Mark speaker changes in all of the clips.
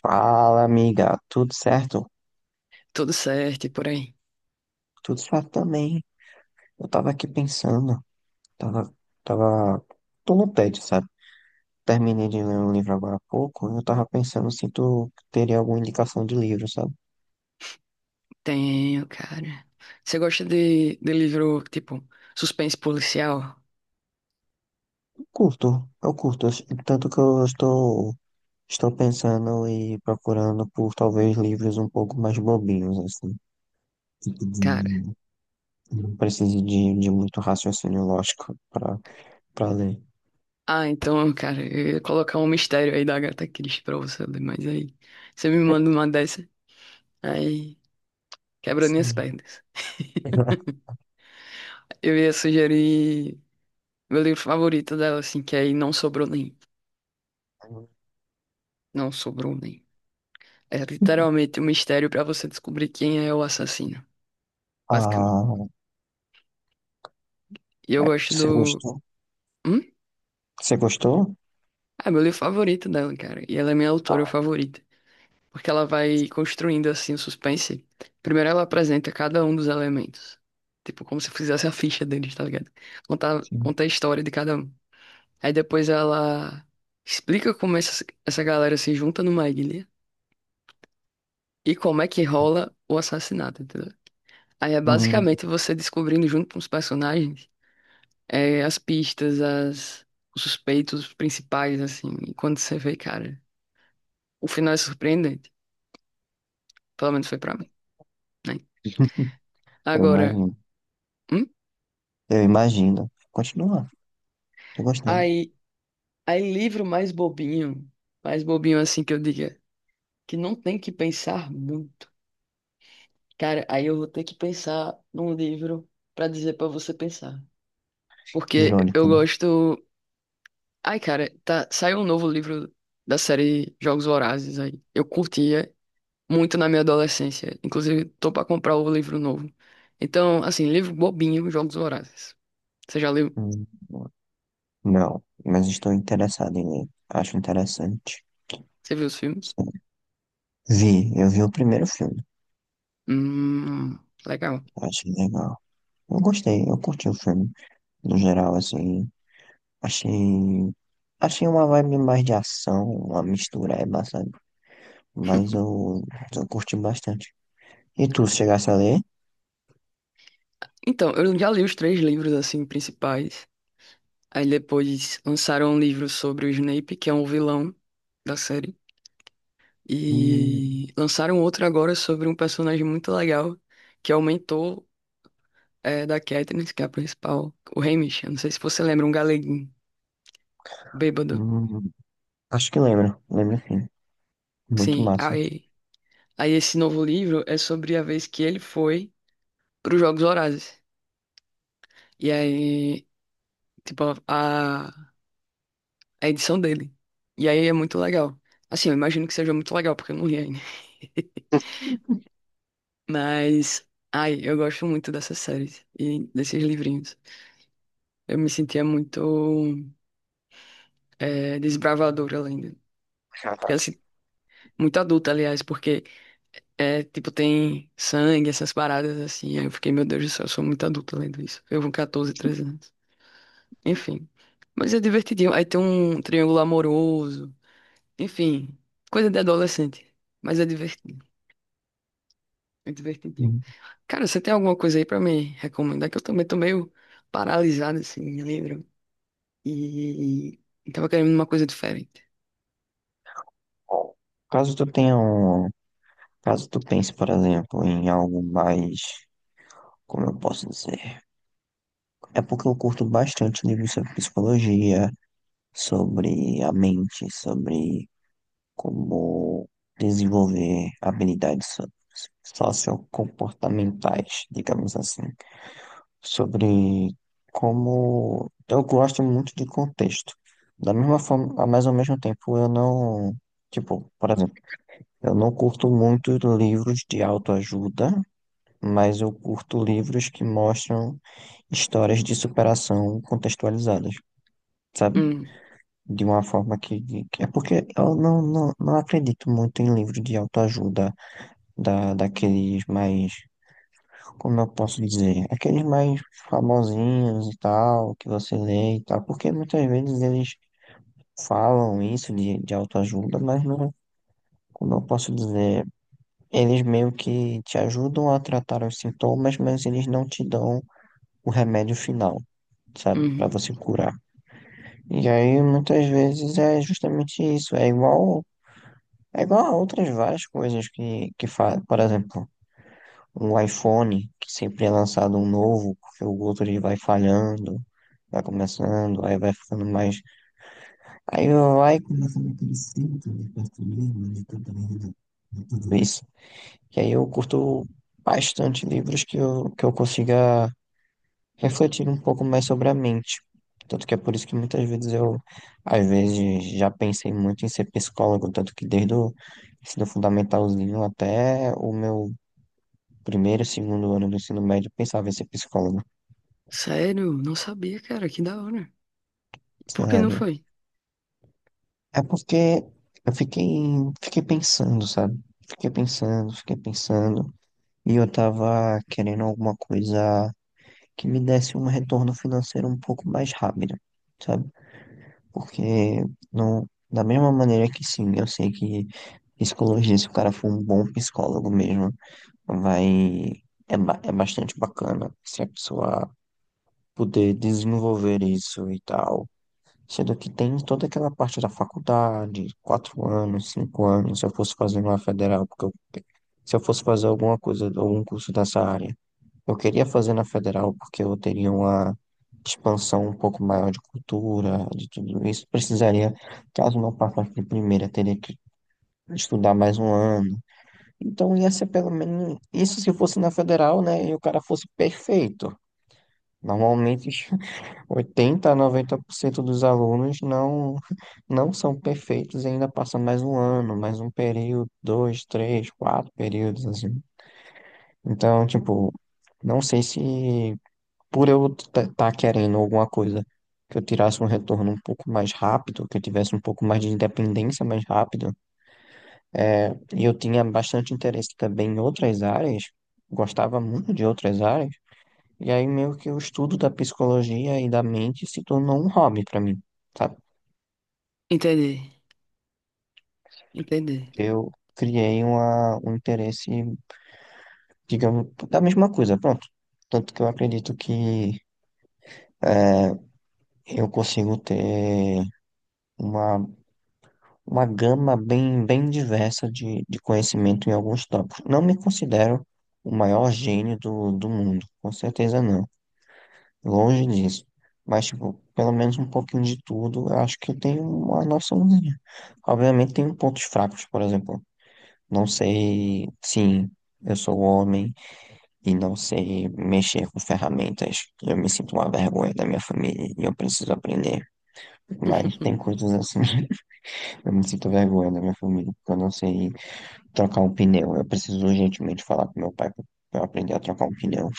Speaker 1: Fala, amiga, tudo certo?
Speaker 2: Tudo certo e por aí.
Speaker 1: Tudo certo também. Eu tava aqui pensando, tava, tava, tô no tédio, sabe? Terminei de ler um livro agora há pouco, e eu tava pensando se tu teria alguma indicação de livro, sabe?
Speaker 2: Tenho, cara. Você gosta de livro, tipo, suspense policial?
Speaker 1: Eu curto, tanto que eu estou pensando e procurando por talvez livros um pouco mais bobinhos, assim,
Speaker 2: Cara.
Speaker 1: de- não precise de muito raciocínio lógico para ler.
Speaker 2: Ah, então, cara, eu ia colocar um mistério aí da Agatha Christie pra você ler, mas aí você me manda uma dessa, aí quebra minhas
Speaker 1: Sim.
Speaker 2: pernas. Eu ia sugerir meu livro favorito dela, assim, que é aí não sobrou nem. Não sobrou nem. É literalmente um mistério pra você descobrir quem é o assassino, basicamente.
Speaker 1: Ah,
Speaker 2: E eu
Speaker 1: é,
Speaker 2: gosto
Speaker 1: você
Speaker 2: do.
Speaker 1: gostou?
Speaker 2: Hum?
Speaker 1: Você gostou?
Speaker 2: Ah, meu livro favorito dela, cara. E ela é minha autora favorita. Porque ela vai construindo, assim, o suspense. Primeiro ela apresenta cada um dos elementos. Tipo, como se fizesse a ficha deles, tá ligado? Conta,
Speaker 1: Sim.
Speaker 2: conta a história de cada um. Aí depois ela explica como essa galera se junta numa ilha e como é que rola o assassinato, entendeu? Aí é
Speaker 1: Hum.
Speaker 2: basicamente você descobrindo junto com os personagens, as pistas, os suspeitos principais, assim. E quando você vê, cara, o final é surpreendente. Pelo menos foi pra mim, né?
Speaker 1: Eu
Speaker 2: Agora,
Speaker 1: imagino.
Speaker 2: hum?
Speaker 1: Eu imagino. Continua. Tô gostando.
Speaker 2: Aí, aí livro mais bobinho assim que eu diga, que não tem que pensar muito. Cara, aí eu vou ter que pensar num livro pra dizer pra você pensar. Porque
Speaker 1: Irônico,
Speaker 2: eu
Speaker 1: né?
Speaker 2: gosto. Ai, cara, tá, saiu um novo livro da série Jogos Vorazes aí. Eu curtia muito na minha adolescência. Inclusive, tô pra comprar o livro novo. Então, assim, livro bobinho, Jogos Vorazes. Você já leu?
Speaker 1: Hum, Não, mas estou interessado em ler. Acho interessante.
Speaker 2: Você viu os filmes?
Speaker 1: Sim. Eu vi o primeiro filme.
Speaker 2: Hum, legal.
Speaker 1: Achei legal. Eu gostei, eu curti o filme. No geral, assim, achei. Achei uma vibe mais de ação, uma mistura é bastante. Mas eu curti bastante. E tu, se chegasse a ler?
Speaker 2: Então, eu já li os três livros, assim, principais. Aí depois lançaram um livro sobre o Snape, que é um vilão da série.
Speaker 1: Hum,
Speaker 2: E lançaram outro agora sobre um personagem muito legal, que é o mentor, da Katniss, que é a principal, o Hamish. Eu não sei se você lembra, um galeguinho bêbado.
Speaker 1: hum, Acho que lembro, lembro sim. Muito
Speaker 2: Sim,
Speaker 1: massa.
Speaker 2: aí esse novo livro é sobre a vez que ele foi para os Jogos Vorazes. E aí, tipo, é a edição dele. E aí é muito legal. Assim, eu imagino que seja muito legal, porque eu não li ainda. Mas, ai, eu gosto muito dessas séries e desses livrinhos. Eu me sentia muito desbravadora lendo. Porque, assim, muito adulta, aliás, porque, tipo, tem sangue, essas paradas, assim. Aí eu fiquei, meu Deus do céu, eu sou muito adulta lendo isso. Eu com 14, 13 anos. Enfim. Mas é divertidinho. Aí tem um triângulo amoroso. Enfim, coisa de adolescente. Mas é divertido. É divertidinho.
Speaker 1: Uhum.
Speaker 2: Cara, você tem alguma coisa aí pra me recomendar? Que eu também tô meio paralisado, assim, me lembro. E, e tava querendo uma coisa diferente.
Speaker 1: Bom, caso tu tenha um, caso tu pense, por exemplo, em algo mais, como eu posso dizer, é porque eu curto bastante livros sobre psicologia, sobre a mente, sobre como desenvolver habilidades sociocomportamentais, digamos assim. Sobre como eu gosto muito de contexto. Da mesma forma, mas ao mesmo tempo eu não, tipo, por exemplo, eu não curto muito livros de autoajuda, mas eu curto livros que mostram histórias de superação contextualizadas, sabe?
Speaker 2: Hum,
Speaker 1: De uma forma que é porque eu não acredito muito em livros de autoajuda daqueles mais, como eu posso dizer, aqueles mais famosinhos e tal, que você lê e tal, porque muitas vezes eles falam isso de autoajuda, mas não, como eu posso dizer, eles meio que te ajudam a tratar os sintomas, mas eles não te dão o remédio final, sabe, para
Speaker 2: uhum.
Speaker 1: você curar. E aí muitas vezes é justamente isso, é igual a outras várias coisas que fazem, por exemplo, o iPhone, que sempre é lançado um novo, porque o outro ele vai falhando, vai começando, aí vai ficando mais. Aí vai começando aquele ciclo de perfumismo, de tudo isso. Que aí eu curto bastante livros que eu consiga refletir um pouco mais sobre a mente. Tanto que é por isso que muitas vezes eu, às vezes, já pensei muito em ser psicólogo, tanto que desde o ensino fundamentalzinho até o meu primeiro, segundo ano do ensino médio, eu pensava em ser psicólogo.
Speaker 2: Sério? Não sabia, cara. Que da hora. Por que não
Speaker 1: Sério.
Speaker 2: foi?
Speaker 1: É porque eu fiquei pensando, sabe? Fiquei pensando, fiquei pensando. E eu tava querendo alguma coisa que me desse um retorno financeiro um pouco mais rápido, sabe? Porque não, da mesma maneira que sim, eu sei que psicologia, se o cara for um bom psicólogo mesmo, vai, é bastante bacana se a pessoa puder desenvolver isso e tal. Sendo que tem toda aquela parte da faculdade, 4 anos, 5 anos, se eu fosse fazer uma federal, porque eu, se eu fosse fazer alguma coisa, algum curso dessa área, eu queria fazer na federal porque eu teria uma expansão um pouco maior de cultura, de tudo isso. Precisaria, caso não passasse de primeira, teria que estudar mais um ano. Então ia ser pelo menos isso se fosse na federal, né? E o cara fosse perfeito. Normalmente 80 a 90% dos alunos não são perfeitos e ainda passa mais um ano, mais um período, dois, três, quatro períodos, assim. Então, tipo, não sei se por eu estar querendo alguma coisa que eu tirasse um retorno um pouco mais rápido, que eu tivesse um pouco mais de independência mais rápido, e eu tinha bastante interesse também em outras áreas, gostava muito de outras áreas, e aí meio que o estudo da psicologia e da mente se tornou um hobby para mim, sabe?
Speaker 2: Entendi. Entendi.
Speaker 1: Eu criei um interesse, digamos, da mesma coisa, pronto. Tanto que eu acredito que eu consigo ter uma, uma gama bem, bem diversa de conhecimento em alguns tópicos. Não me considero o maior gênio do mundo, com certeza não, longe disso. Mas, tipo, pelo menos um pouquinho de tudo, eu acho que eu tenho uma noçãozinha. Obviamente, tenho pontos fracos, por exemplo. Não sei, sim, eu sou homem. E não sei mexer com ferramentas. Eu me sinto uma vergonha da minha família e eu preciso aprender. Mas tem coisas assim, eu me sinto vergonha da minha família, porque eu não sei trocar um pneu. Eu preciso urgentemente falar com meu pai para aprender a trocar um pneu.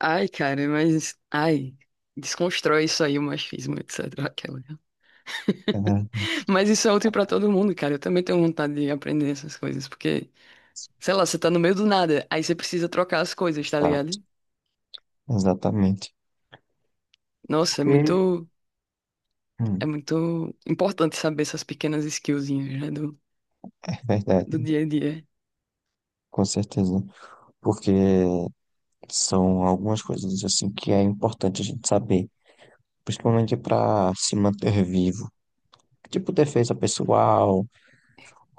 Speaker 2: Ai, cara, mas... Ai, desconstrói isso aí, o machismo, etc. Aquela.
Speaker 1: É verdade.
Speaker 2: Mas isso é útil pra todo mundo, cara. Eu também tenho vontade de aprender essas coisas, porque, sei lá, você tá no meio do nada, aí você precisa trocar as coisas, tá
Speaker 1: Exato.
Speaker 2: ligado?
Speaker 1: Exatamente.
Speaker 2: Nossa, é
Speaker 1: Porque,
Speaker 2: muito. É
Speaker 1: hum,
Speaker 2: muito importante saber essas pequenas skillzinhas, né, do,
Speaker 1: é verdade,
Speaker 2: do dia a dia.
Speaker 1: com certeza. Porque são algumas coisas assim que é importante a gente saber, principalmente para se manter vivo. Tipo defesa pessoal,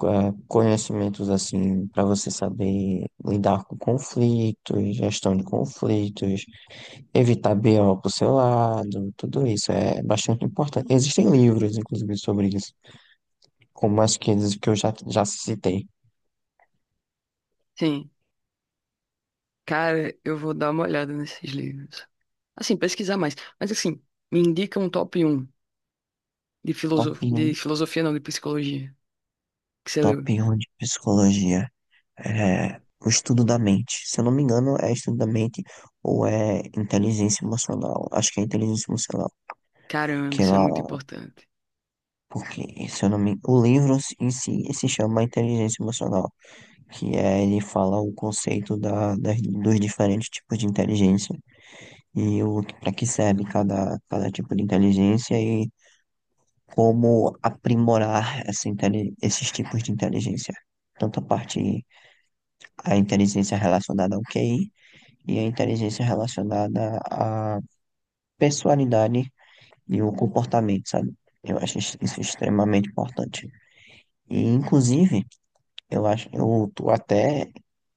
Speaker 1: conhecimentos assim para você saber lidar com conflitos, gestão de conflitos, evitar BO pro seu lado, tudo isso é bastante importante. Existem livros, inclusive, sobre isso, como as que eu já citei.
Speaker 2: Sim, cara, eu vou dar uma olhada nesses livros. Assim, pesquisar mais. Mas assim, me indica um top um de
Speaker 1: Top
Speaker 2: filosof... de
Speaker 1: 1,
Speaker 2: filosofia, não, de psicologia, que você
Speaker 1: top
Speaker 2: leu.
Speaker 1: 1 de psicologia. É, o estudo da mente. Se eu não me engano, é estudo da mente ou é inteligência emocional. Acho que é inteligência emocional.
Speaker 2: Caramba,
Speaker 1: Que lá,
Speaker 2: isso é muito importante.
Speaker 1: porque, se eu não me, o livro em si se chama Inteligência Emocional, ele fala o conceito dos diferentes tipos de inteligência e o para que serve cada tipo de inteligência e como aprimorar esses tipos de inteligência. Tanto a parte, a inteligência relacionada ao QI, e a inteligência relacionada à personalidade e o comportamento, sabe? Eu acho isso extremamente importante. E, inclusive, eu tô até,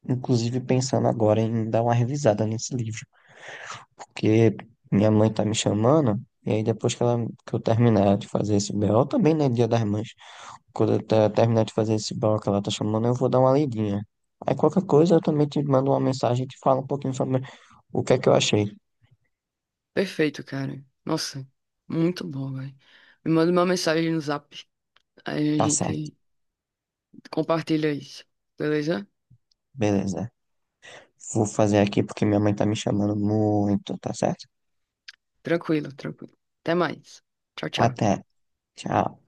Speaker 1: inclusive, pensando agora em dar uma revisada nesse livro, porque minha mãe tá me chamando, e aí depois que eu terminar de fazer esse BO, também, né, Dia das Mães, quando eu terminar de fazer esse BO que ela tá chamando, eu vou dar uma lidinha. Aí qualquer coisa eu também te mando uma mensagem e te falo um pouquinho sobre o que é que eu achei.
Speaker 2: Perfeito, cara. Nossa, muito bom, velho. Me manda uma mensagem no Zap, aí a
Speaker 1: Tá certo,
Speaker 2: gente compartilha isso, beleza?
Speaker 1: beleza. Vou fazer aqui porque minha mãe tá me chamando muito, tá certo?
Speaker 2: Tranquilo, tranquilo. Até mais. Tchau, tchau.
Speaker 1: Até. Tchau.